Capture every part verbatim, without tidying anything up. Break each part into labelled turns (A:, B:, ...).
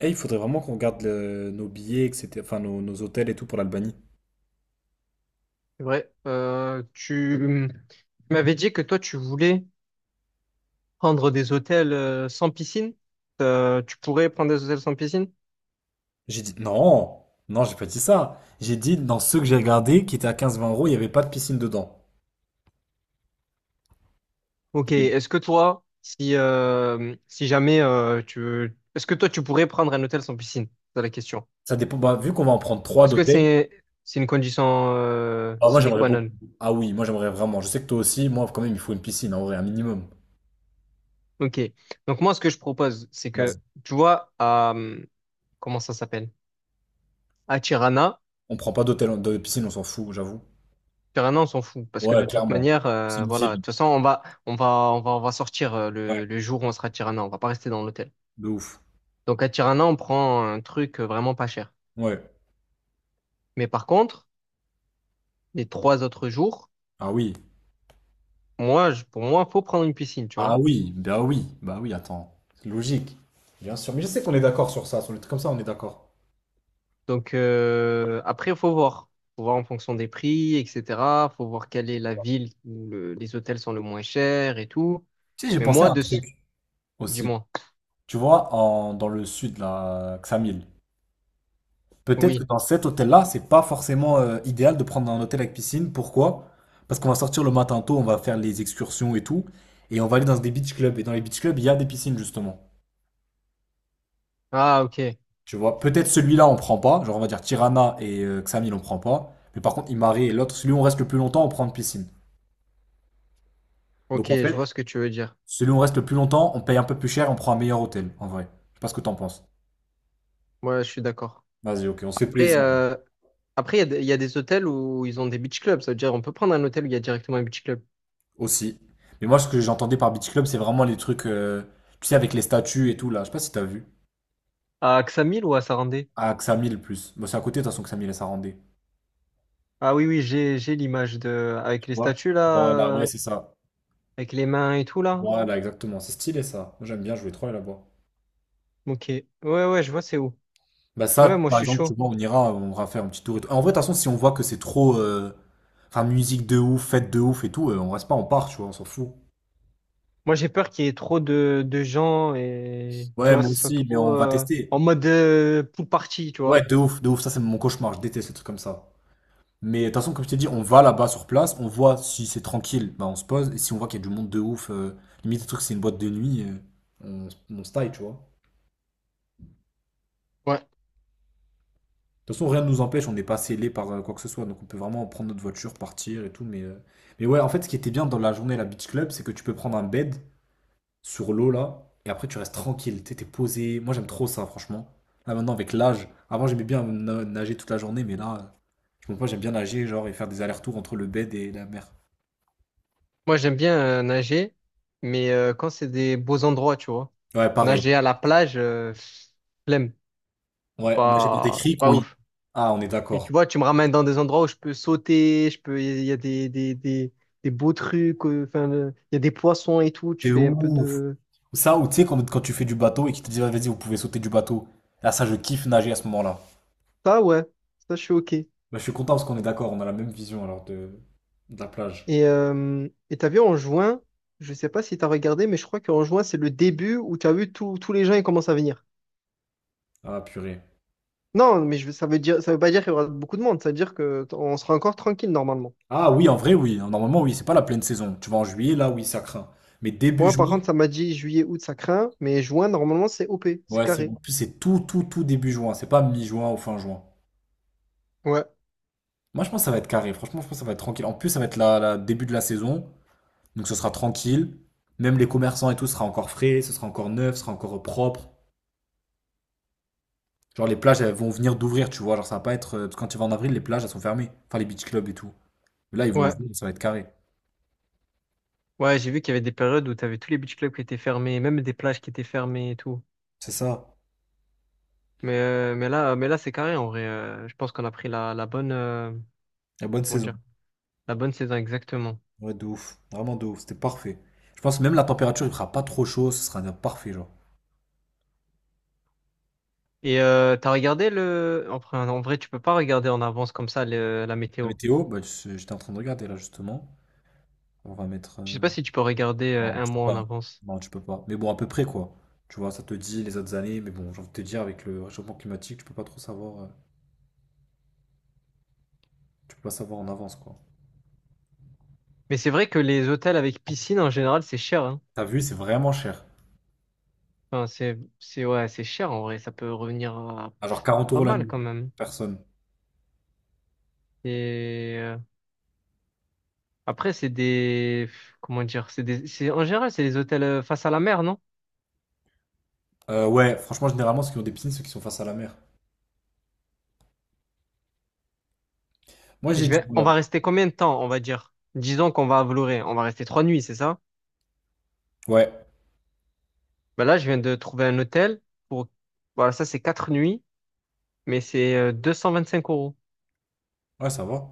A: Eh, il faudrait vraiment qu'on regarde le- nos billets, et cétéra. Enfin, nos, nos hôtels et tout pour l'Albanie.
B: C'est vrai. Euh, tu tu m'avais dit que toi, tu voulais prendre des hôtels euh, sans piscine. Euh, tu pourrais prendre des hôtels sans piscine?
A: J'ai dit non, non, j'ai pas dit ça. J'ai dit dans ceux que j'ai regardés, qui étaient à quinze vingt euros, il n'y avait pas de piscine dedans.
B: Ok.
A: Mais
B: Est-ce que toi, si, euh, si jamais euh, tu veux. Est-ce que toi, tu pourrais prendre un hôtel sans piscine? C'est la question.
A: ça dépend. Bah, vu qu'on va en prendre trois
B: Est-ce que
A: d'hôtel,
B: c'est c'est une condition euh,
A: bah, moi
B: sine
A: j'aimerais
B: qua
A: beaucoup.
B: non?
A: Ah oui, moi j'aimerais vraiment. Je sais que toi aussi, moi quand même, il faut une piscine, en vrai, un minimum.
B: Ok. Donc moi, ce que je propose, c'est que,
A: Merci.
B: tu vois. à... euh, Comment ça s'appelle? À Tirana.
A: On prend pas d'hôtel, de piscine, on s'en fout, j'avoue.
B: Sur on s'en fout parce que de
A: Ouais,
B: toute
A: clairement.
B: manière,
A: C'est
B: euh,
A: une
B: voilà. De
A: ville.
B: toute façon, on va, on va, on va, on va sortir euh,
A: Ouais.
B: le, le jour où on sera à Tirana. On va pas rester dans l'hôtel.
A: De ouf.
B: Donc à Tirana, on prend un truc euh, vraiment pas cher.
A: Ouais.
B: Mais par contre, les trois autres jours,
A: Ah oui.
B: moi, je- pour moi, faut prendre une piscine, tu vois.
A: Ah oui, bah oui, bah oui, attends. C'est logique. Bien sûr. Mais je sais qu'on est d'accord sur ça. Sur les trucs comme ça, on est d'accord.
B: Donc euh, après, il faut voir, faut voir en fonction des prix, et cetera. Faut voir quelle est la ville où le- les hôtels sont le moins chers et tout.
A: Tu sais, j'ai
B: Mais
A: pensé
B: moi,
A: à un
B: de, ce-
A: truc aussi.
B: dis-moi.
A: Tu vois, en- dans le sud, là, Ksamil. Peut-être que
B: Oui.
A: dans cet hôtel-là, c'est pas forcément euh, idéal de prendre un hôtel avec piscine. Pourquoi? Parce qu'on va sortir le matin tôt, on va faire les excursions et tout. Et on va aller dans des beach clubs. Et dans les beach clubs, il y a des piscines, justement.
B: Ah, ok,
A: Tu vois, peut-être celui-là, on prend pas. Genre, on va dire Tirana et euh, Ksamil, on prend pas. Mais par contre, Imare et l'autre, celui où on reste le plus longtemps, on prend une piscine.
B: ok,
A: Donc en
B: je
A: fait,
B: vois ce que tu veux dire.
A: Celui où on reste le plus longtemps, on paye un peu plus cher, on prend un meilleur hôtel, en vrai. Je sais pas ce que t'en penses.
B: Moi, je suis d'accord.
A: Vas-y, ok, on se fait
B: Après,
A: plaisir.
B: euh, Après, il y a des, il y a des hôtels où ils ont des beach clubs. Ça veut dire on peut prendre un hôtel où il y a directement un beach club.
A: Aussi. Mais moi, ce que j'entendais par Beach Club, c'est vraiment les trucs, euh, tu sais, avec les statues et tout, là. Je sais pas si t'as vu.
B: À Ksamil ou à Sarandé?
A: À Xamil, le plus. Bon, c'est à côté, de toute façon, Xamil et Sarandé.
B: Ah oui, oui, j'ai, j'ai l'image de, avec
A: Tu
B: les
A: vois?
B: statues là,
A: Voilà, ouais,
B: euh,
A: c'est ça.
B: avec les mains et tout là.
A: Voilà, exactement. C'est stylé, ça. Moi, j'aime bien jouer trop aller là-bas.
B: Ok. Ouais, ouais, je vois c'est où.
A: Bah
B: Ouais,
A: ça,
B: moi je
A: par
B: suis
A: exemple, tu
B: chaud.
A: vois, on ira, on ira faire un petit tour et tout. En vrai, de toute façon, si on voit que c'est trop... euh, Enfin, musique de ouf, fête de ouf et tout, euh, on reste pas, on part, tu vois, on s'en fout.
B: Moi j'ai peur qu'il y ait trop de, de gens et tu
A: Ouais,
B: vois,
A: moi
B: ce soit
A: aussi, mais
B: trop
A: on va
B: euh,
A: tester.
B: en mode euh, pool party, tu
A: Ouais,
B: vois.
A: de ouf, de ouf, ça c'est mon cauchemar, je déteste les trucs comme ça. Mais de toute façon, comme je t'ai dit, on va là-bas sur place, on voit si c'est tranquille, bah on se pose, et si on voit qu'il y a du monde de ouf, euh, limite le truc c'est une boîte de nuit, euh, on, on se taille, tu vois. De
B: Ouais.
A: toute façon, rien ne nous empêche, on n'est pas scellé par euh, quoi que ce soit, donc on peut vraiment prendre notre voiture, partir et tout, mais... euh, Mais ouais, en fait, ce qui était bien dans la journée à la Beach Club, c'est que tu peux prendre un bed sur l'eau là, et après tu restes tranquille, t'es t'es posé, moi j'aime trop ça, franchement. Là maintenant, avec l'âge, avant j'aimais bien na- nager toute la journée, mais là... Donc moi j'aime bien nager, genre, et faire des allers-retours entre le bed et la mer.
B: Moi j'aime bien euh, nager, mais euh, quand c'est des beaux endroits, tu vois.
A: Ouais, pareil.
B: Nager à la plage, euh, pff, flemme.
A: Ouais, nager dans des
B: Pas, C'est
A: criques.
B: pas
A: ou-
B: ouf.
A: Ah, on est
B: Et tu
A: d'accord.
B: vois, tu me ramènes dans des endroits où je peux sauter, je peux, il y a des, des, des, des beaux trucs, euh, enfin, le- il y a des poissons et tout, tu fais un peu de...
A: Ça, ou tu sais, quand, quand tu fais du bateau et qu'ils te disent, ah, vas-y, vous pouvez sauter du bateau. Ah, ça, je kiffe nager à ce moment-là.
B: Ça, ouais, ça, je suis OK.
A: Bah, je suis content parce qu'on est d'accord, on a la même vision alors de, de la plage.
B: Et euh, et t'as vu, en juin, je sais pas si t'as regardé, mais je crois qu'en juin, c'est le début où t'as vu tous tous les gens, ils commencent à venir.
A: Ah, purée.
B: Non, mais je, ça veut dire, ça veut pas dire qu'il y aura beaucoup de monde, ça veut dire que t- on sera encore tranquille, normalement.
A: Ah oui, en vrai, oui. Normalement, oui, c'est pas la pleine saison. Tu vas en juillet, là, oui, ça craint. Mais début
B: Moi, par
A: juin,
B: contre, ça m'a dit juillet, août, ça craint, mais juin, normalement, c'est O P, c'est
A: ouais, c'est en
B: carré.
A: plus, c'est tout, tout, tout début juin. C'est pas mi-juin ou fin juin.
B: Ouais,
A: Moi, je pense que ça va être carré. Franchement, je pense que ça va être tranquille. En plus, ça va être la, la début de la saison. Donc ce sera tranquille. Même les commerçants et tout sera encore frais, ce sera encore neuf, ce sera encore propre. Genre les plages, elles vont venir d'ouvrir, tu vois. Genre ça va pas être. euh, Parce que quand tu vas en avril, les plages, elles sont fermées. Enfin, les beach clubs et tout. Mais là, ils vont
B: ouais.
A: ouvrir, ça va être carré.
B: Ouais, j'ai vu qu'il y avait des périodes où t'avais tous les beach clubs qui étaient fermés, même des plages qui étaient fermées et tout.
A: C'est ça.
B: Mais, euh, mais là, mais là, c'est carré en vrai. Euh, je pense qu'on a pris la, la bonne, euh,
A: La bonne
B: comment
A: saison.
B: dire, la bonne saison exactement.
A: Ouais, de ouf. Vraiment de ouf. C'était parfait. Je pense que même la température, il fera pas trop chaud, ce sera bien parfait, genre.
B: Et euh, t'as regardé le. Enfin, en vrai, tu peux pas regarder en avance comme ça le- la
A: La
B: météo.
A: météo, bah, je- j'étais en train de regarder là, justement. On va mettre.
B: Je sais
A: euh,
B: pas si tu peux regarder euh,
A: Non,
B: un
A: tu peux
B: mois en
A: pas.
B: avance.
A: Non, tu peux pas. Mais bon, à peu près, quoi. Tu vois, ça te dit les autres années, mais bon, j'ai envie de te dire, avec le réchauffement climatique, tu peux pas trop savoir. euh, Tu peux pas savoir en avance, quoi.
B: Mais c'est vrai que les hôtels avec piscine, en général, c'est cher, hein.
A: T'as vu, c'est vraiment cher.
B: Enfin, c'est, c'est, ouais, c'est cher en vrai. Ça peut revenir à
A: À genre 40
B: pas
A: euros la
B: mal
A: nuit.
B: quand même.
A: Personne.
B: Et euh, après, c'est des, comment dire, c'est des, c'est, en général, c'est des hôtels euh, face à la mer, non?
A: Euh, ouais, franchement, généralement, ceux qui ont des piscines, ceux qui sont face à la mer. Moi, j'ai
B: Je
A: dit,
B: vais, on
A: voilà.
B: va rester combien de temps, on va dire? Disons qu'on va à Vloré, on va rester trois nuits, c'est ça?
A: Ouais.
B: Bah là, je viens de trouver un hôtel pour, voilà, ça c'est quatre nuits, mais c'est euh, cinq euros,
A: Ouais, ça va.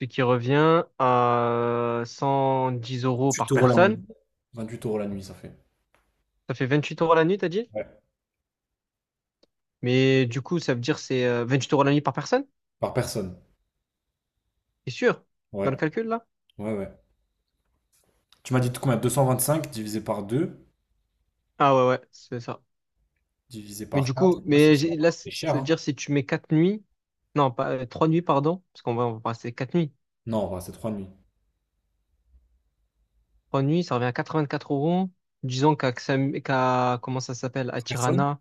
B: ce qui revient à cent dix euros
A: 28
B: par
A: euros la
B: personne.
A: nuit. vingt-huit euros la nuit, ça fait.
B: Ça fait vingt-huit euros la nuit, t'as dit?
A: Ouais.
B: Mais du coup, ça veut dire c'est euh, huit euros la nuit par personne?
A: Par personne.
B: C'est sûr? Dans
A: Ouais.
B: le calcul là?
A: Ouais, ouais. Tu m'as dit combien? deux cent vingt-cinq divisé par deux
B: Ah ouais, ouais, c'est ça.
A: divisé
B: Mais
A: par
B: du
A: quatre.
B: coup,
A: Ouais, c'est
B: mais
A: ça.
B: j'ai- là, c-
A: C'est cher,
B: ça veut
A: hein?
B: dire si tu mets quatre nuits, non, pas euh, trois nuits, pardon, parce qu'on va, on va passer quatre nuits.
A: Non, ouais, c'est trois nuits.
B: Trois nuits, ça revient à quatre-vingt-quatre euros. Disons qu'à, Xam- qu'à- comment ça s'appelle,
A: Par
B: à
A: personne?
B: Tirana,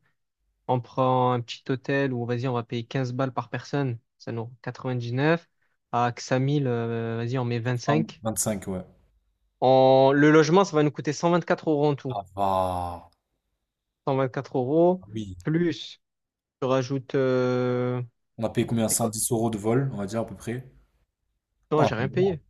B: on prend un petit hôtel où, vas-y, on va payer quinze balles par personne, ça nous rend quatre-vingt-dix-neuf. À Ksamil, euh, vas-y, on met
A: vingt
B: vingt-cinq.
A: vingt-cinq, ouais.
B: En, le logement, ça va nous coûter cent vingt-quatre euros en tout.
A: Ah, va.
B: 124
A: Ah
B: euros,
A: Oui.
B: plus, je rajoute, euh,
A: On a payé combien?
B: c'est quoi
A: cent dix euros de vol, on va dire, à peu près. Non,
B: Non,
A: on a
B: j'ai
A: payé
B: rien
A: moins.
B: payé.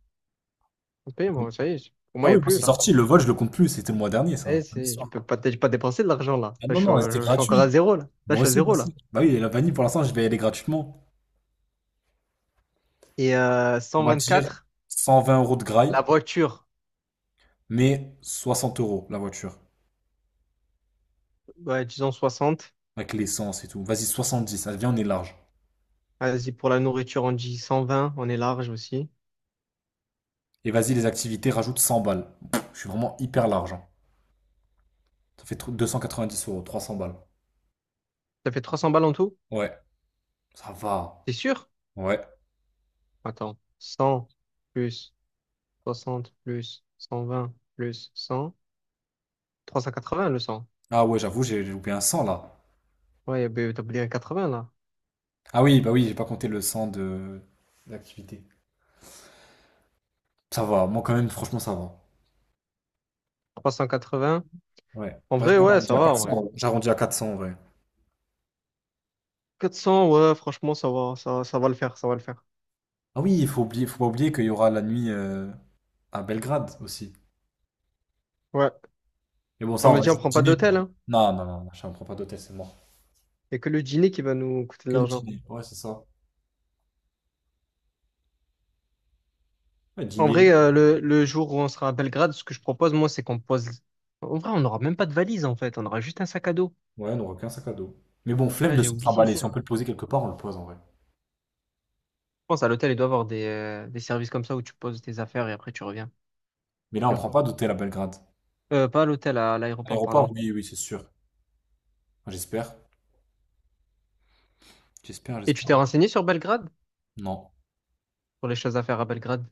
B: J'ai payé, moi, ça y est, pour
A: Ah
B: moi, il n'y a
A: oui, moi
B: plus,
A: c'est
B: là.
A: sorti, le vol je le compte plus, c'était le mois dernier ça,
B: Eh,
A: fin de
B: c'est, je
A: l'histoire.
B: peux pas, j'ai pas dépensé de l'argent là.
A: Ah
B: Là,
A: non,
B: je, suis
A: non, c'était
B: je- je suis encore à
A: gratuit.
B: zéro là. Là, je
A: Moi
B: suis à
A: aussi, moi
B: zéro là.
A: aussi. Bah oui, et la vanille pour l'instant je vais y aller gratuitement.
B: Et euh,
A: On va dire
B: cent vingt-quatre,
A: cent vingt euros de graille,
B: la voiture,
A: mais soixante euros la voiture,
B: ouais, disons soixante.
A: avec l'essence et tout. Vas-y, soixante dix, allez, viens, on est large.
B: Vas-y, pour la nourriture, on dit cent vingt, on est large aussi.
A: Et vas-y, les activités, rajoute cent balles. Pff, je suis vraiment hyper large. hein. Ça fait tr- dix euros, trois cents balles.
B: Ça fait trois cents balles en tout?
A: Ouais, ça va.
B: C'est sûr?
A: Ouais.
B: Attends, cent plus soixante plus cent vingt plus cent, trois cent quatre-vingts le cent.
A: Ah ouais, j'avoue, j'ai j'ai loupé un cent là.
B: Ouais, ben, t'as oublié un quatre-vingts là.
A: Ah oui, bah oui, j'ai pas compté le cent de d'activité. Ça va, moi quand même, franchement, ça va.
B: trois cent quatre-vingts.
A: Ouais.
B: En
A: Ouais,
B: vrai, ouais,
A: j'arrondis
B: ça
A: à
B: va en vrai.
A: quatre cents. J'arrondis à quatre cents, ouais.
B: quatre cents, ouais, franchement, ça va, ça, ça va le faire, ça va le faire.
A: Ah oui, il faut oublier, faut pas oublier qu'il y aura la nuit euh, à Belgrade aussi.
B: Ouais,
A: Mais bon, ça, on
B: on a
A: va
B: dit on
A: laisser le
B: prend pas
A: dîner, quoi.
B: d'hôtel, hein.
A: Non, non, non, je ne prends pas d'hôtel, c'est mort.
B: Il n'y a que le dîner qui va nous coûter de
A: Que le
B: l'argent.
A: dîner, ouais, c'est ça. Ouais,
B: En
A: dîner,
B: vrai, euh, le, le jour où on sera à Belgrade, ce que je propose, moi, c'est qu'on pose. En vrai, on n'aura même pas de valise, en fait. On aura juste un sac à dos.
A: ouais, on n'aura qu'un sac à dos. Mais bon, flemme
B: Ah,
A: de
B: j'ai
A: se
B: oublié
A: trimballer. Si on peut
B: ça.
A: le poser quelque part, on le pose en vrai.
B: Je pense à l'hôtel, il doit avoir des, euh, des services comme ça où tu poses tes affaires et après tu reviens.
A: Mais là, on
B: Sûr.
A: prend pas d'hôtel à Belgrade.
B: Euh, pas à l'hôtel, à l'aéroport,
A: Aéroport,
B: pardon.
A: oui, oui, c'est sûr. Enfin, J'espère. J'espère,
B: Et tu
A: j'espère.
B: t'es renseigné sur Belgrade?
A: Non.
B: Pour les choses à faire à Belgrade.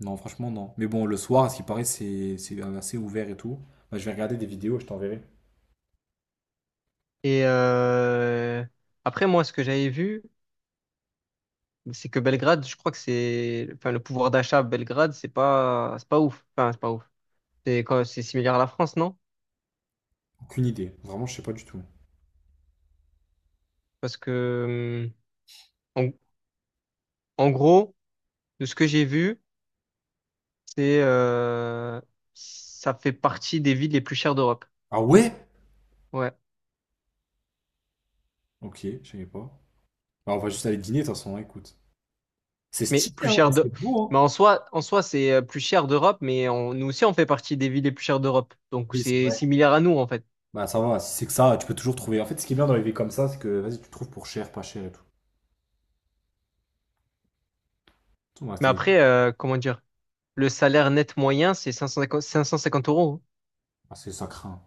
A: Non, franchement, non. Mais bon, le soir, à ce qui paraît, c'est c'est assez ouvert et tout. Bah, je vais regarder des vidéos, je t'enverrai.
B: Et euh, après, moi, ce que j'avais vu, c'est que Belgrade, je crois que c'est. Enfin, le pouvoir d'achat à Belgrade, c'est pas, c'est pas ouf. Enfin, c'est pas ouf. C'est quand- c'est similaire à la France, non?
A: Aucune idée. Vraiment, je sais pas du tout.
B: Parce que, hum, en, en gros, de ce que j'ai vu, c'est, euh, ça fait partie des villes les plus chères d'Europe.
A: Ah ouais?
B: Ouais.
A: Ok, je savais pas. Bah, on va juste aller dîner, de toute façon, hein, écoute. C'est
B: Mais
A: stylé,
B: plus
A: hein,
B: chères
A: ouais, c'est
B: de, mais
A: beau,
B: en
A: hein.
B: soi, en soi, c'est euh, plus cher d'Europe, mais on- nous aussi, on fait partie des villes les plus chères d'Europe. Donc,
A: Oui, c'est
B: c'est
A: vrai.
B: similaire à nous, en fait.
A: Bah, ça va, si c'est que ça, tu peux toujours trouver. En fait, ce qui est bien dans les villes comme ça, c'est que, vas-y, tu trouves pour cher, pas cher et tout. Tout, ouais,
B: Mais
A: c'est,
B: après, euh, comment dire, le salaire net moyen, c'est 550, 550 euros.
A: ah, c'est- ça craint.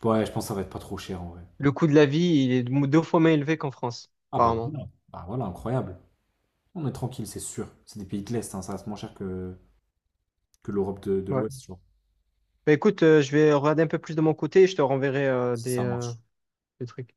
A: Je, ouais, je pense que ça va être pas trop cher, en vrai.
B: Le coût de la vie, il est deux fois moins élevé qu'en France,
A: Ah, bah
B: apparemment.
A: voilà. Bah voilà, incroyable. On est tranquille, c'est sûr. C'est des pays de l'Est, hein, ça reste moins cher que, que l'Europe de, de
B: Ouais.
A: l'Ouest, tu vois.
B: Bah écoute, euh, je vais regarder un peu plus de mon côté et je te renverrai euh,
A: Si
B: des,
A: ça
B: euh,
A: marche.
B: des trucs.